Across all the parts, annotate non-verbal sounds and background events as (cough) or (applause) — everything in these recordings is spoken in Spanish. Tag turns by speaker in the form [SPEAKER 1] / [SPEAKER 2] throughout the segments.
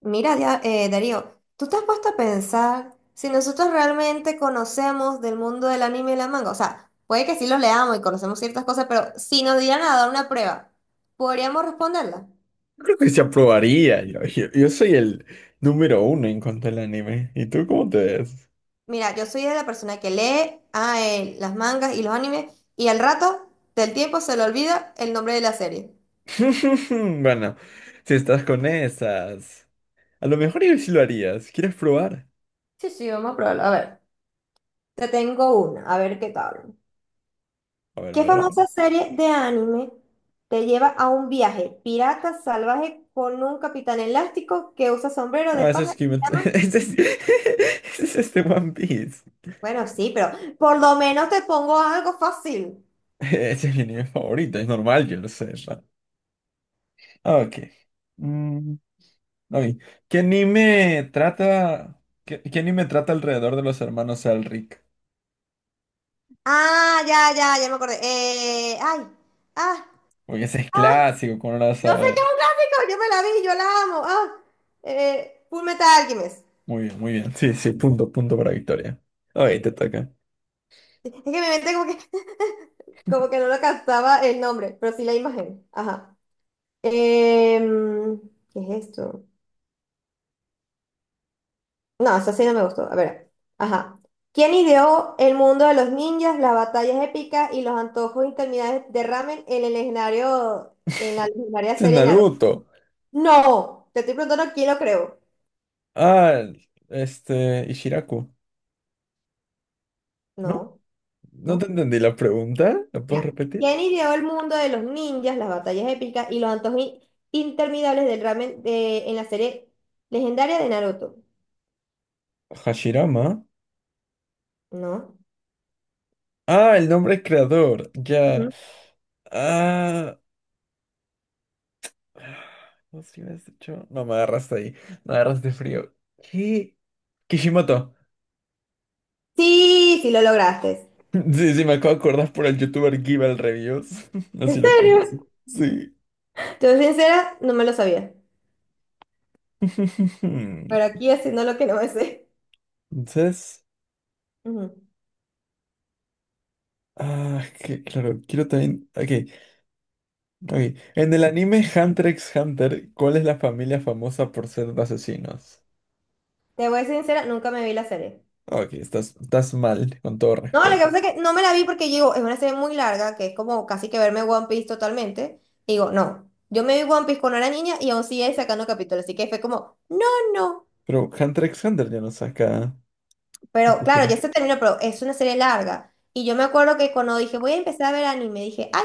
[SPEAKER 1] Mira, Darío, ¿tú te has puesto a pensar si nosotros realmente conocemos del mundo del anime y la manga? O sea, puede que sí los leamos y conocemos ciertas cosas, pero si nos dieran a dar una prueba, ¿podríamos responderla?
[SPEAKER 2] Yo creo que se aprobaría. Yo soy el número uno en cuanto al anime. ¿Y tú cómo te ves?
[SPEAKER 1] Mira, yo soy de la persona que lee las mangas y los animes y al rato del tiempo se le olvida el nombre de la serie.
[SPEAKER 2] (laughs) Bueno, si estás con esas, a lo mejor yo sí lo harías. ¿Quieres probar?
[SPEAKER 1] Sí, sí, vamos a probarlo. A ver, te tengo una, a ver qué tal.
[SPEAKER 2] A ver, a
[SPEAKER 1] ¿Qué
[SPEAKER 2] ver, a ver.
[SPEAKER 1] famosa serie de anime te lleva a un viaje pirata salvaje con un capitán elástico que usa sombrero de
[SPEAKER 2] Ah, eso
[SPEAKER 1] paja
[SPEAKER 2] es
[SPEAKER 1] y
[SPEAKER 2] Kimetsu. (laughs)
[SPEAKER 1] llama?
[SPEAKER 2] (laughs) Ese es este One Piece.
[SPEAKER 1] Bueno, sí, pero por lo menos te pongo algo fácil.
[SPEAKER 2] (laughs) Ese es mi anime favorito. Es normal, yo lo sé, ¿no? Ah, ok. Mm, ok. ¿Qué anime trata alrededor de los hermanos Elric?
[SPEAKER 1] Ah, ya, ya, ya me acordé. Ay, ah,
[SPEAKER 2] Porque ese es
[SPEAKER 1] ah,
[SPEAKER 2] clásico, ¿cómo no lo vas a
[SPEAKER 1] yo sé que
[SPEAKER 2] ver?
[SPEAKER 1] es un clásico, yo me la vi, yo la amo. Full Metal Alchemist.
[SPEAKER 2] Muy bien, muy bien. Sí, sí, punto para Victoria. Ok, te toca.
[SPEAKER 1] Es que mi mente como que no lo captaba el nombre, pero sí la imagen. Ajá. Em, ¿Qué es esto? No, esa sí no me gustó. A ver. Ajá. ¿Quién ideó el mundo de los ninjas, las batallas épicas y los antojos interminables de ramen en la legendaria
[SPEAKER 2] Este es
[SPEAKER 1] serie Naruto?
[SPEAKER 2] Naruto.
[SPEAKER 1] No, te estoy preguntando quién lo creó.
[SPEAKER 2] Ah, este, Ishiraku. ¿No?
[SPEAKER 1] No,
[SPEAKER 2] No te
[SPEAKER 1] no.
[SPEAKER 2] entendí la pregunta. ¿La puedes
[SPEAKER 1] Mira.
[SPEAKER 2] repetir?
[SPEAKER 1] ¿Quién ideó el mundo de los ninjas, las batallas épicas y los antojos interminables del ramen en la serie legendaria de Naruto?
[SPEAKER 2] Hashirama.
[SPEAKER 1] No.
[SPEAKER 2] Ah, el nombre creador. Ya.
[SPEAKER 1] Ujú.
[SPEAKER 2] Ah. No sé si me has dicho. No, me agarraste ahí. Me agarraste frío. ¿Qué? Kishimoto. (laughs)
[SPEAKER 1] Sí, sí lo lograste.
[SPEAKER 2] Sí, sí, me acabo de acordar por el youtuber Givel Reviews. (laughs) No sé si
[SPEAKER 1] ¿En
[SPEAKER 2] lo
[SPEAKER 1] serio?
[SPEAKER 2] conoces. Sí.
[SPEAKER 1] Te soy sincera, no me lo sabía.
[SPEAKER 2] (laughs)
[SPEAKER 1] Pero aquí haciendo lo que no me sé.
[SPEAKER 2] Entonces.
[SPEAKER 1] Ujú.
[SPEAKER 2] Ah, que claro, quiero también. Ok, ok. En el anime Hunter x Hunter, ¿cuál es la familia famosa por ser asesinos?
[SPEAKER 1] Te voy a ser sincera, nunca me vi la serie.
[SPEAKER 2] Ok, estás mal, con todo
[SPEAKER 1] No, lo que
[SPEAKER 2] respeto.
[SPEAKER 1] pasa es que no me la vi porque yo digo, es una serie muy larga, que es como casi que verme One Piece totalmente. Y digo, no, yo me vi One Piece cuando era niña y aún sigue sacando capítulos, así que fue como, no, no.
[SPEAKER 2] Pero Hunter x Hunter ya no saca
[SPEAKER 1] Pero claro, ya
[SPEAKER 2] capítulos.
[SPEAKER 1] se terminó, pero es una serie larga. Y yo me acuerdo que cuando dije, voy a empezar a ver anime, dije, ay,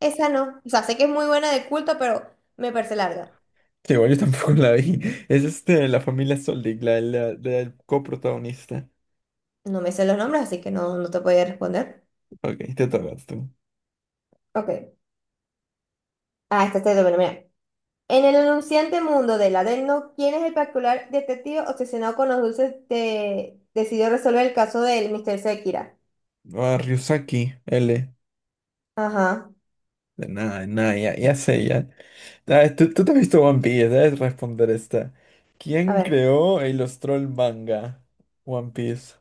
[SPEAKER 1] esa no. O sea, sé que es muy buena de culto, pero me parece larga.
[SPEAKER 2] Que igual yo tampoco (laughs) la vi. Es este, la familia Soldig, la del coprotagonista.
[SPEAKER 1] No me sé los nombres, así que no, no te podía responder.
[SPEAKER 2] Ok, te toca tú.
[SPEAKER 1] Ok. Ah, esta es de mira. En el anunciante mundo del Adelno, ¿quién es el particular detective obsesionado con los dulces de, decidió resolver el caso del mister Sekira?
[SPEAKER 2] Ah, Ryusaki, L.
[SPEAKER 1] Ajá.
[SPEAKER 2] De nada, ya, ya sé, ya. Ah, tú te has visto One Piece, debes responder esta.
[SPEAKER 1] A
[SPEAKER 2] ¿Quién
[SPEAKER 1] ver.
[SPEAKER 2] creó e ilustró el manga One Piece?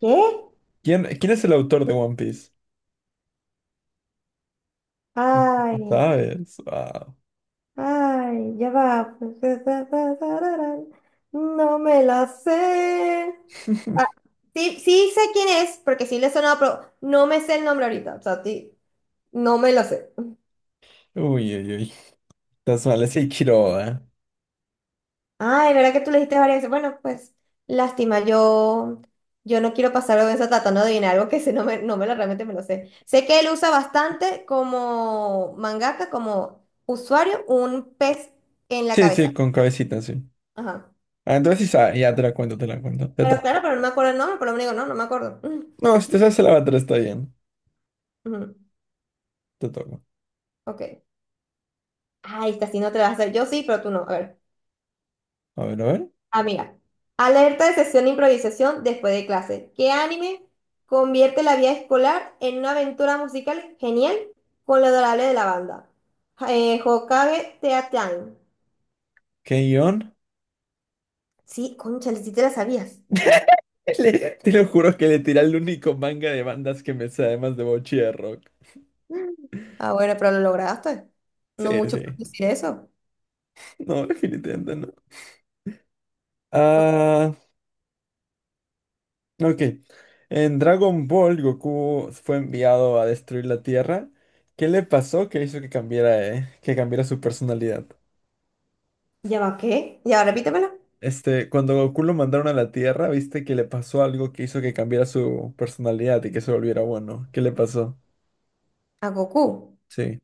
[SPEAKER 1] ¿Qué?
[SPEAKER 2] ¿Quién es el autor de One Piece?
[SPEAKER 1] Ay,
[SPEAKER 2] (laughs) ¿Sabes? Wow.
[SPEAKER 1] ay, ya va. No me la sé. Ah,
[SPEAKER 2] (laughs)
[SPEAKER 1] sí, sí sé quién es, porque sí le he sonado, pero no me sé el nombre ahorita. O sea, sí, no me lo sé.
[SPEAKER 2] Uy, uy, uy. Estás mal, es Ichiro, ¿eh?
[SPEAKER 1] Ay, ¿verdad que tú le dijiste varias veces? Bueno, pues, lástima, yo no quiero pasar vergüenza tratando de adivinar algo que sé, no me lo realmente me lo sé. Sé que él usa bastante como mangaka, como usuario, un pez en la
[SPEAKER 2] Sí,
[SPEAKER 1] cabeza.
[SPEAKER 2] sí, con cabecita, sí.
[SPEAKER 1] Ajá.
[SPEAKER 2] Ah, entonces sí sabe, ya te la cuento, te la cuento. Te
[SPEAKER 1] Pero
[SPEAKER 2] toca.
[SPEAKER 1] claro, pero no me acuerdo el nombre, por lo menos digo, no, no me acuerdo. Mm,
[SPEAKER 2] No, si te sabes el avatar está bien.
[SPEAKER 1] ujú,
[SPEAKER 2] Te toco.
[SPEAKER 1] ok. Ay, esta sí no te la vas a hacer. Yo sí, pero tú no. A ver.
[SPEAKER 2] A ver, a ver.
[SPEAKER 1] Amiga, alerta de sesión de improvisación después de clase. ¿Qué anime convierte la vida escolar en una aventura musical genial con lo adorable de la banda? Hokage Teatime.
[SPEAKER 2] ¿Qué guión?
[SPEAKER 1] Sí, concha, sí te la sabías.
[SPEAKER 2] (laughs) Le- te lo juro que le tiré el único manga de bandas que me sé, además de Bochierro.
[SPEAKER 1] Mm. Ah, bueno, pero lo lograste.
[SPEAKER 2] Sí,
[SPEAKER 1] No mucho por
[SPEAKER 2] sí.
[SPEAKER 1] decir eso.
[SPEAKER 2] No, (laughs) definitivamente no.
[SPEAKER 1] Co-
[SPEAKER 2] Ah, ok. En Dragon Ball, Goku fue enviado a destruir la Tierra. ¿Qué le pasó que hizo que cambiara su personalidad?
[SPEAKER 1] ¿Ya va qué? ¿Ya va, repítemelo?
[SPEAKER 2] Este, cuando Goku lo mandaron a la Tierra, viste que le pasó algo que hizo que cambiara su personalidad y que se volviera bueno. ¿Qué le pasó?
[SPEAKER 1] A Goku.
[SPEAKER 2] Sí.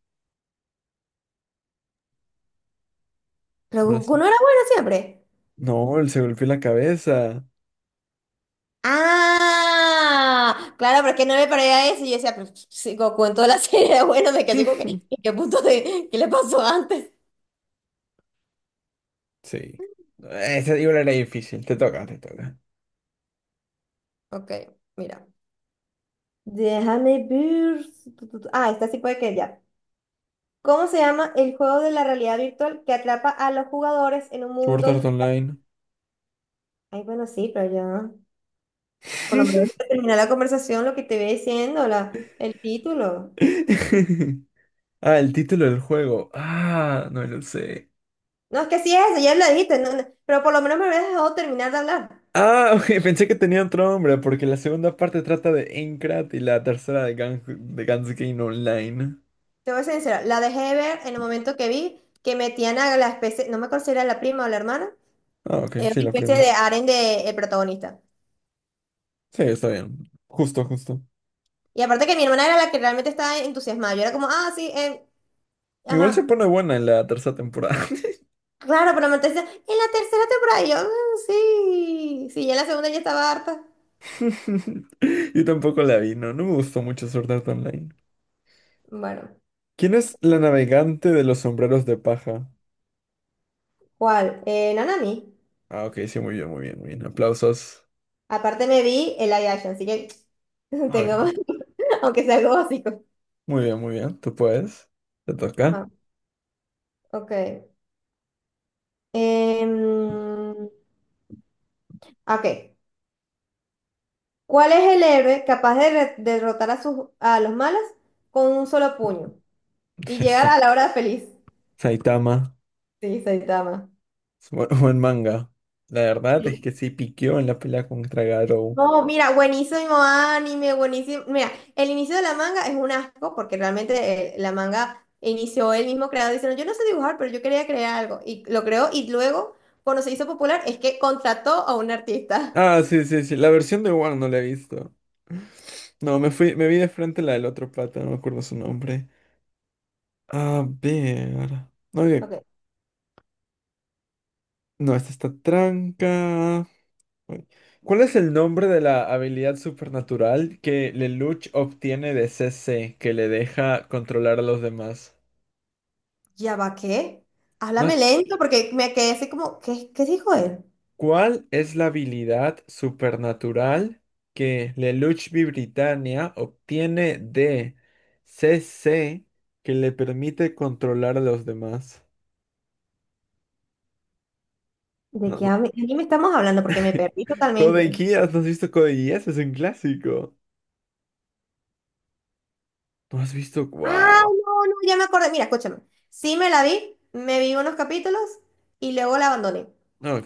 [SPEAKER 1] Pero
[SPEAKER 2] Ahora
[SPEAKER 1] Goku
[SPEAKER 2] sí.
[SPEAKER 1] no era bueno siempre.
[SPEAKER 2] No, él se golpeó la cabeza.
[SPEAKER 1] Ah, claro, porque no me parecía eso. Y yo decía, pues, sí, Goku en toda la serie, (laughs) bueno, me quedé como que, ¿en
[SPEAKER 2] (laughs)
[SPEAKER 1] qué qué le pasó antes?
[SPEAKER 2] Sí. Ese libro era difícil. Te toca, te toca.
[SPEAKER 1] Ok, mira. Déjame ver. Tu, tu, tu. Ah, esta sí puede que ya. ¿Cómo se llama el juego de la realidad virtual que atrapa a los jugadores en un
[SPEAKER 2] Sword
[SPEAKER 1] mundo
[SPEAKER 2] Art
[SPEAKER 1] digital?
[SPEAKER 2] Online.
[SPEAKER 1] Ay, bueno, sí, pero ya. Por lo menos
[SPEAKER 2] (laughs)
[SPEAKER 1] para terminar la conversación, lo que te voy diciendo, el título.
[SPEAKER 2] (laughs) Ah, el título del juego. Ah, no lo sé.
[SPEAKER 1] No, es que sí es, ya lo dijiste, no, no, pero por lo menos me habías dejado terminar de hablar.
[SPEAKER 2] Ah, (laughs) ok, pensé que tenía otro nombre porque la segunda parte trata de Aincrad y la tercera de Gang de Gans Game Online.
[SPEAKER 1] Te voy a ser sincera, la dejé de ver en el momento que vi que metían a la especie, no me acuerdo si era la prima o la hermana,
[SPEAKER 2] Ah, ok, sí,
[SPEAKER 1] una
[SPEAKER 2] la
[SPEAKER 1] especie de
[SPEAKER 2] prima.
[SPEAKER 1] harén del protagonista.
[SPEAKER 2] Sí, está bien. Justo, justo.
[SPEAKER 1] Y aparte que mi hermana era la que realmente estaba entusiasmada. Yo era como, ah, sí,
[SPEAKER 2] Igual se
[SPEAKER 1] ajá.
[SPEAKER 2] pone buena en la tercera temporada.
[SPEAKER 1] Claro, pero me decía, en la tercera temporada, y yo, "Mm, sí, sí, ya en la segunda ya estaba harta."
[SPEAKER 2] (laughs) Yo tampoco la vi, no, no me gustó mucho Sword Art Online.
[SPEAKER 1] Bueno,
[SPEAKER 2] ¿Quién es la navegante de los sombreros de paja?
[SPEAKER 1] ¿cuál? Nanami.
[SPEAKER 2] Ah, ok, sí, muy bien, muy bien, muy bien. Aplausos.
[SPEAKER 1] Aparte me vi el live action, así que (laughs)
[SPEAKER 2] Ah,
[SPEAKER 1] tengo,
[SPEAKER 2] ok.
[SPEAKER 1] (laughs) aunque sea algo básico.
[SPEAKER 2] Muy bien, muy bien. ¿Tú puedes? Te toca.
[SPEAKER 1] Ajá, ok. Em, ok. ¿Cuál es el héroe capaz de derrotar a los malos con un solo puño y llegar a
[SPEAKER 2] (laughs)
[SPEAKER 1] la hora feliz?
[SPEAKER 2] Saitama,
[SPEAKER 1] Sí, Saitama.
[SPEAKER 2] bu- buen (laughs) manga. La verdad es que sí piqueó en la pelea contra Garou.
[SPEAKER 1] No, mira, buenísimo anime, buenísimo. Mira, el inicio de la manga es un asco porque realmente la manga inició el mismo creador diciendo, yo no sé dibujar, pero yo quería crear algo. Y lo creó y luego, cuando se hizo popular, es que contrató a un artista.
[SPEAKER 2] Ah, sí, sí, sí. La versión de Wang no la he visto. No, me fui, me vi de frente la del otro pata, no me acuerdo su nombre. A ver. No, oye,
[SPEAKER 1] Ok.
[SPEAKER 2] no, esta está tranca. Uy. ¿Cuál es el nombre de la habilidad supernatural que Lelouch obtiene de C C que le deja controlar a los demás?
[SPEAKER 1] ¿Ya va qué?
[SPEAKER 2] No.
[SPEAKER 1] Háblame lento porque me quedé así como, ¿qué dijo él?
[SPEAKER 2] ¿Cuál es la habilidad supernatural que Lelouch Britannia obtiene de C C que le permite controlar a los demás?
[SPEAKER 1] ¿De
[SPEAKER 2] No,
[SPEAKER 1] qué
[SPEAKER 2] no.
[SPEAKER 1] me estamos hablando? Porque me perdí
[SPEAKER 2] (laughs) Code
[SPEAKER 1] totalmente.
[SPEAKER 2] Geass, ¿no has visto Code Geass? Es un clásico. ¿No has visto?
[SPEAKER 1] Ah,
[SPEAKER 2] ¡Wow!
[SPEAKER 1] no, no, ya me acordé. Mira, escúchame. Sí me la vi, me vi unos capítulos y luego la abandoné.
[SPEAKER 2] No,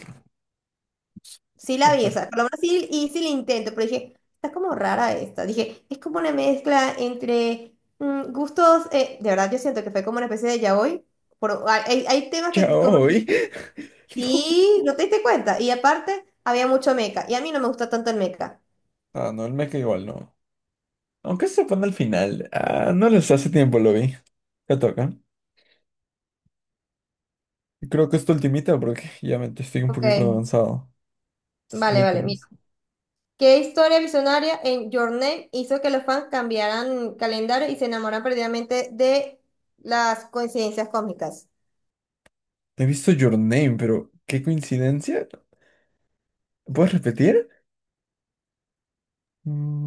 [SPEAKER 1] Sí la vi, o
[SPEAKER 2] espera.
[SPEAKER 1] sea, por lo menos sí hice el intento, pero dije, está como rara esta. Dije, es como una mezcla entre gustos, de verdad yo siento que fue como una especie de yaoi. Hay temas que como
[SPEAKER 2] Chao, ¿y?
[SPEAKER 1] yaoi,
[SPEAKER 2] (laughs) no.
[SPEAKER 1] sí, no te diste cuenta. Y aparte, había mucho Meca y a mí no me gusta tanto el Meca.
[SPEAKER 2] Ah, no, el mecha igual no. Aunque se pone al final. Ah, no les hace tiempo lo vi. Te toca. Creo que es tu ultimita porque ya me estoy un
[SPEAKER 1] Ok,
[SPEAKER 2] poquito avanzado.
[SPEAKER 1] vale, vale, mira.
[SPEAKER 2] Britannies.
[SPEAKER 1] ¿Qué historia visionaria en Your Name hizo que los fans cambiaran calendario y se enamoraran perdidamente de las coincidencias cósmicas?
[SPEAKER 2] He visto Your Name, pero qué coincidencia. ¿Puedes repetir?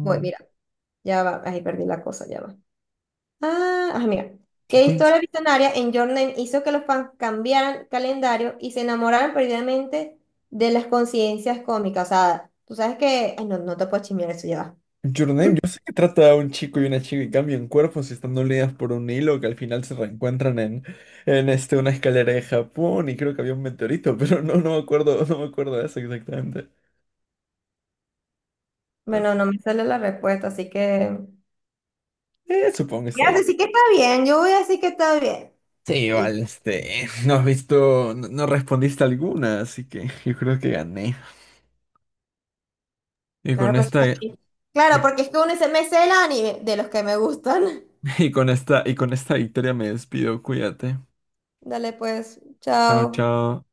[SPEAKER 1] Mira, ya va, ahí perdí la cosa, ya va. Mira.
[SPEAKER 2] ¿qué
[SPEAKER 1] ¿Qué
[SPEAKER 2] coinc-
[SPEAKER 1] historia visionaria en Your Name hizo que los fans cambiaran calendario y se enamoraran perdidamente de las coincidencias cómicas? O sea, tú sabes que. Ay, no, no te puedo chismear eso, ya va.
[SPEAKER 2] Your Name, yo sé que trata a un chico y una chica y cambian cuerpos y están unidas por un hilo que al final se reencuentran en este, una escalera de Japón y creo que había un meteorito, (laughs) pero no, no me acuerdo, no me acuerdo de eso exactamente. As-
[SPEAKER 1] Bueno, no me sale la respuesta, así que.
[SPEAKER 2] eh, supongo que
[SPEAKER 1] Voy
[SPEAKER 2] está
[SPEAKER 1] a
[SPEAKER 2] ahí.
[SPEAKER 1] decir que está bien, yo voy a decir que está bien.
[SPEAKER 2] Sí, igual, este, (laughs) no has visto, no, no respondiste alguna, así que (laughs) yo creo que gané. Y
[SPEAKER 1] Claro,
[SPEAKER 2] con
[SPEAKER 1] porque
[SPEAKER 2] esta, y,
[SPEAKER 1] también. Claro, porque es que uno dice, me sé el anime de los que me gustan. (laughs)
[SPEAKER 2] (laughs) y con esta, y con esta victoria me despido. Cuídate.
[SPEAKER 1] Dale pues,
[SPEAKER 2] Chao,
[SPEAKER 1] chao.
[SPEAKER 2] chao.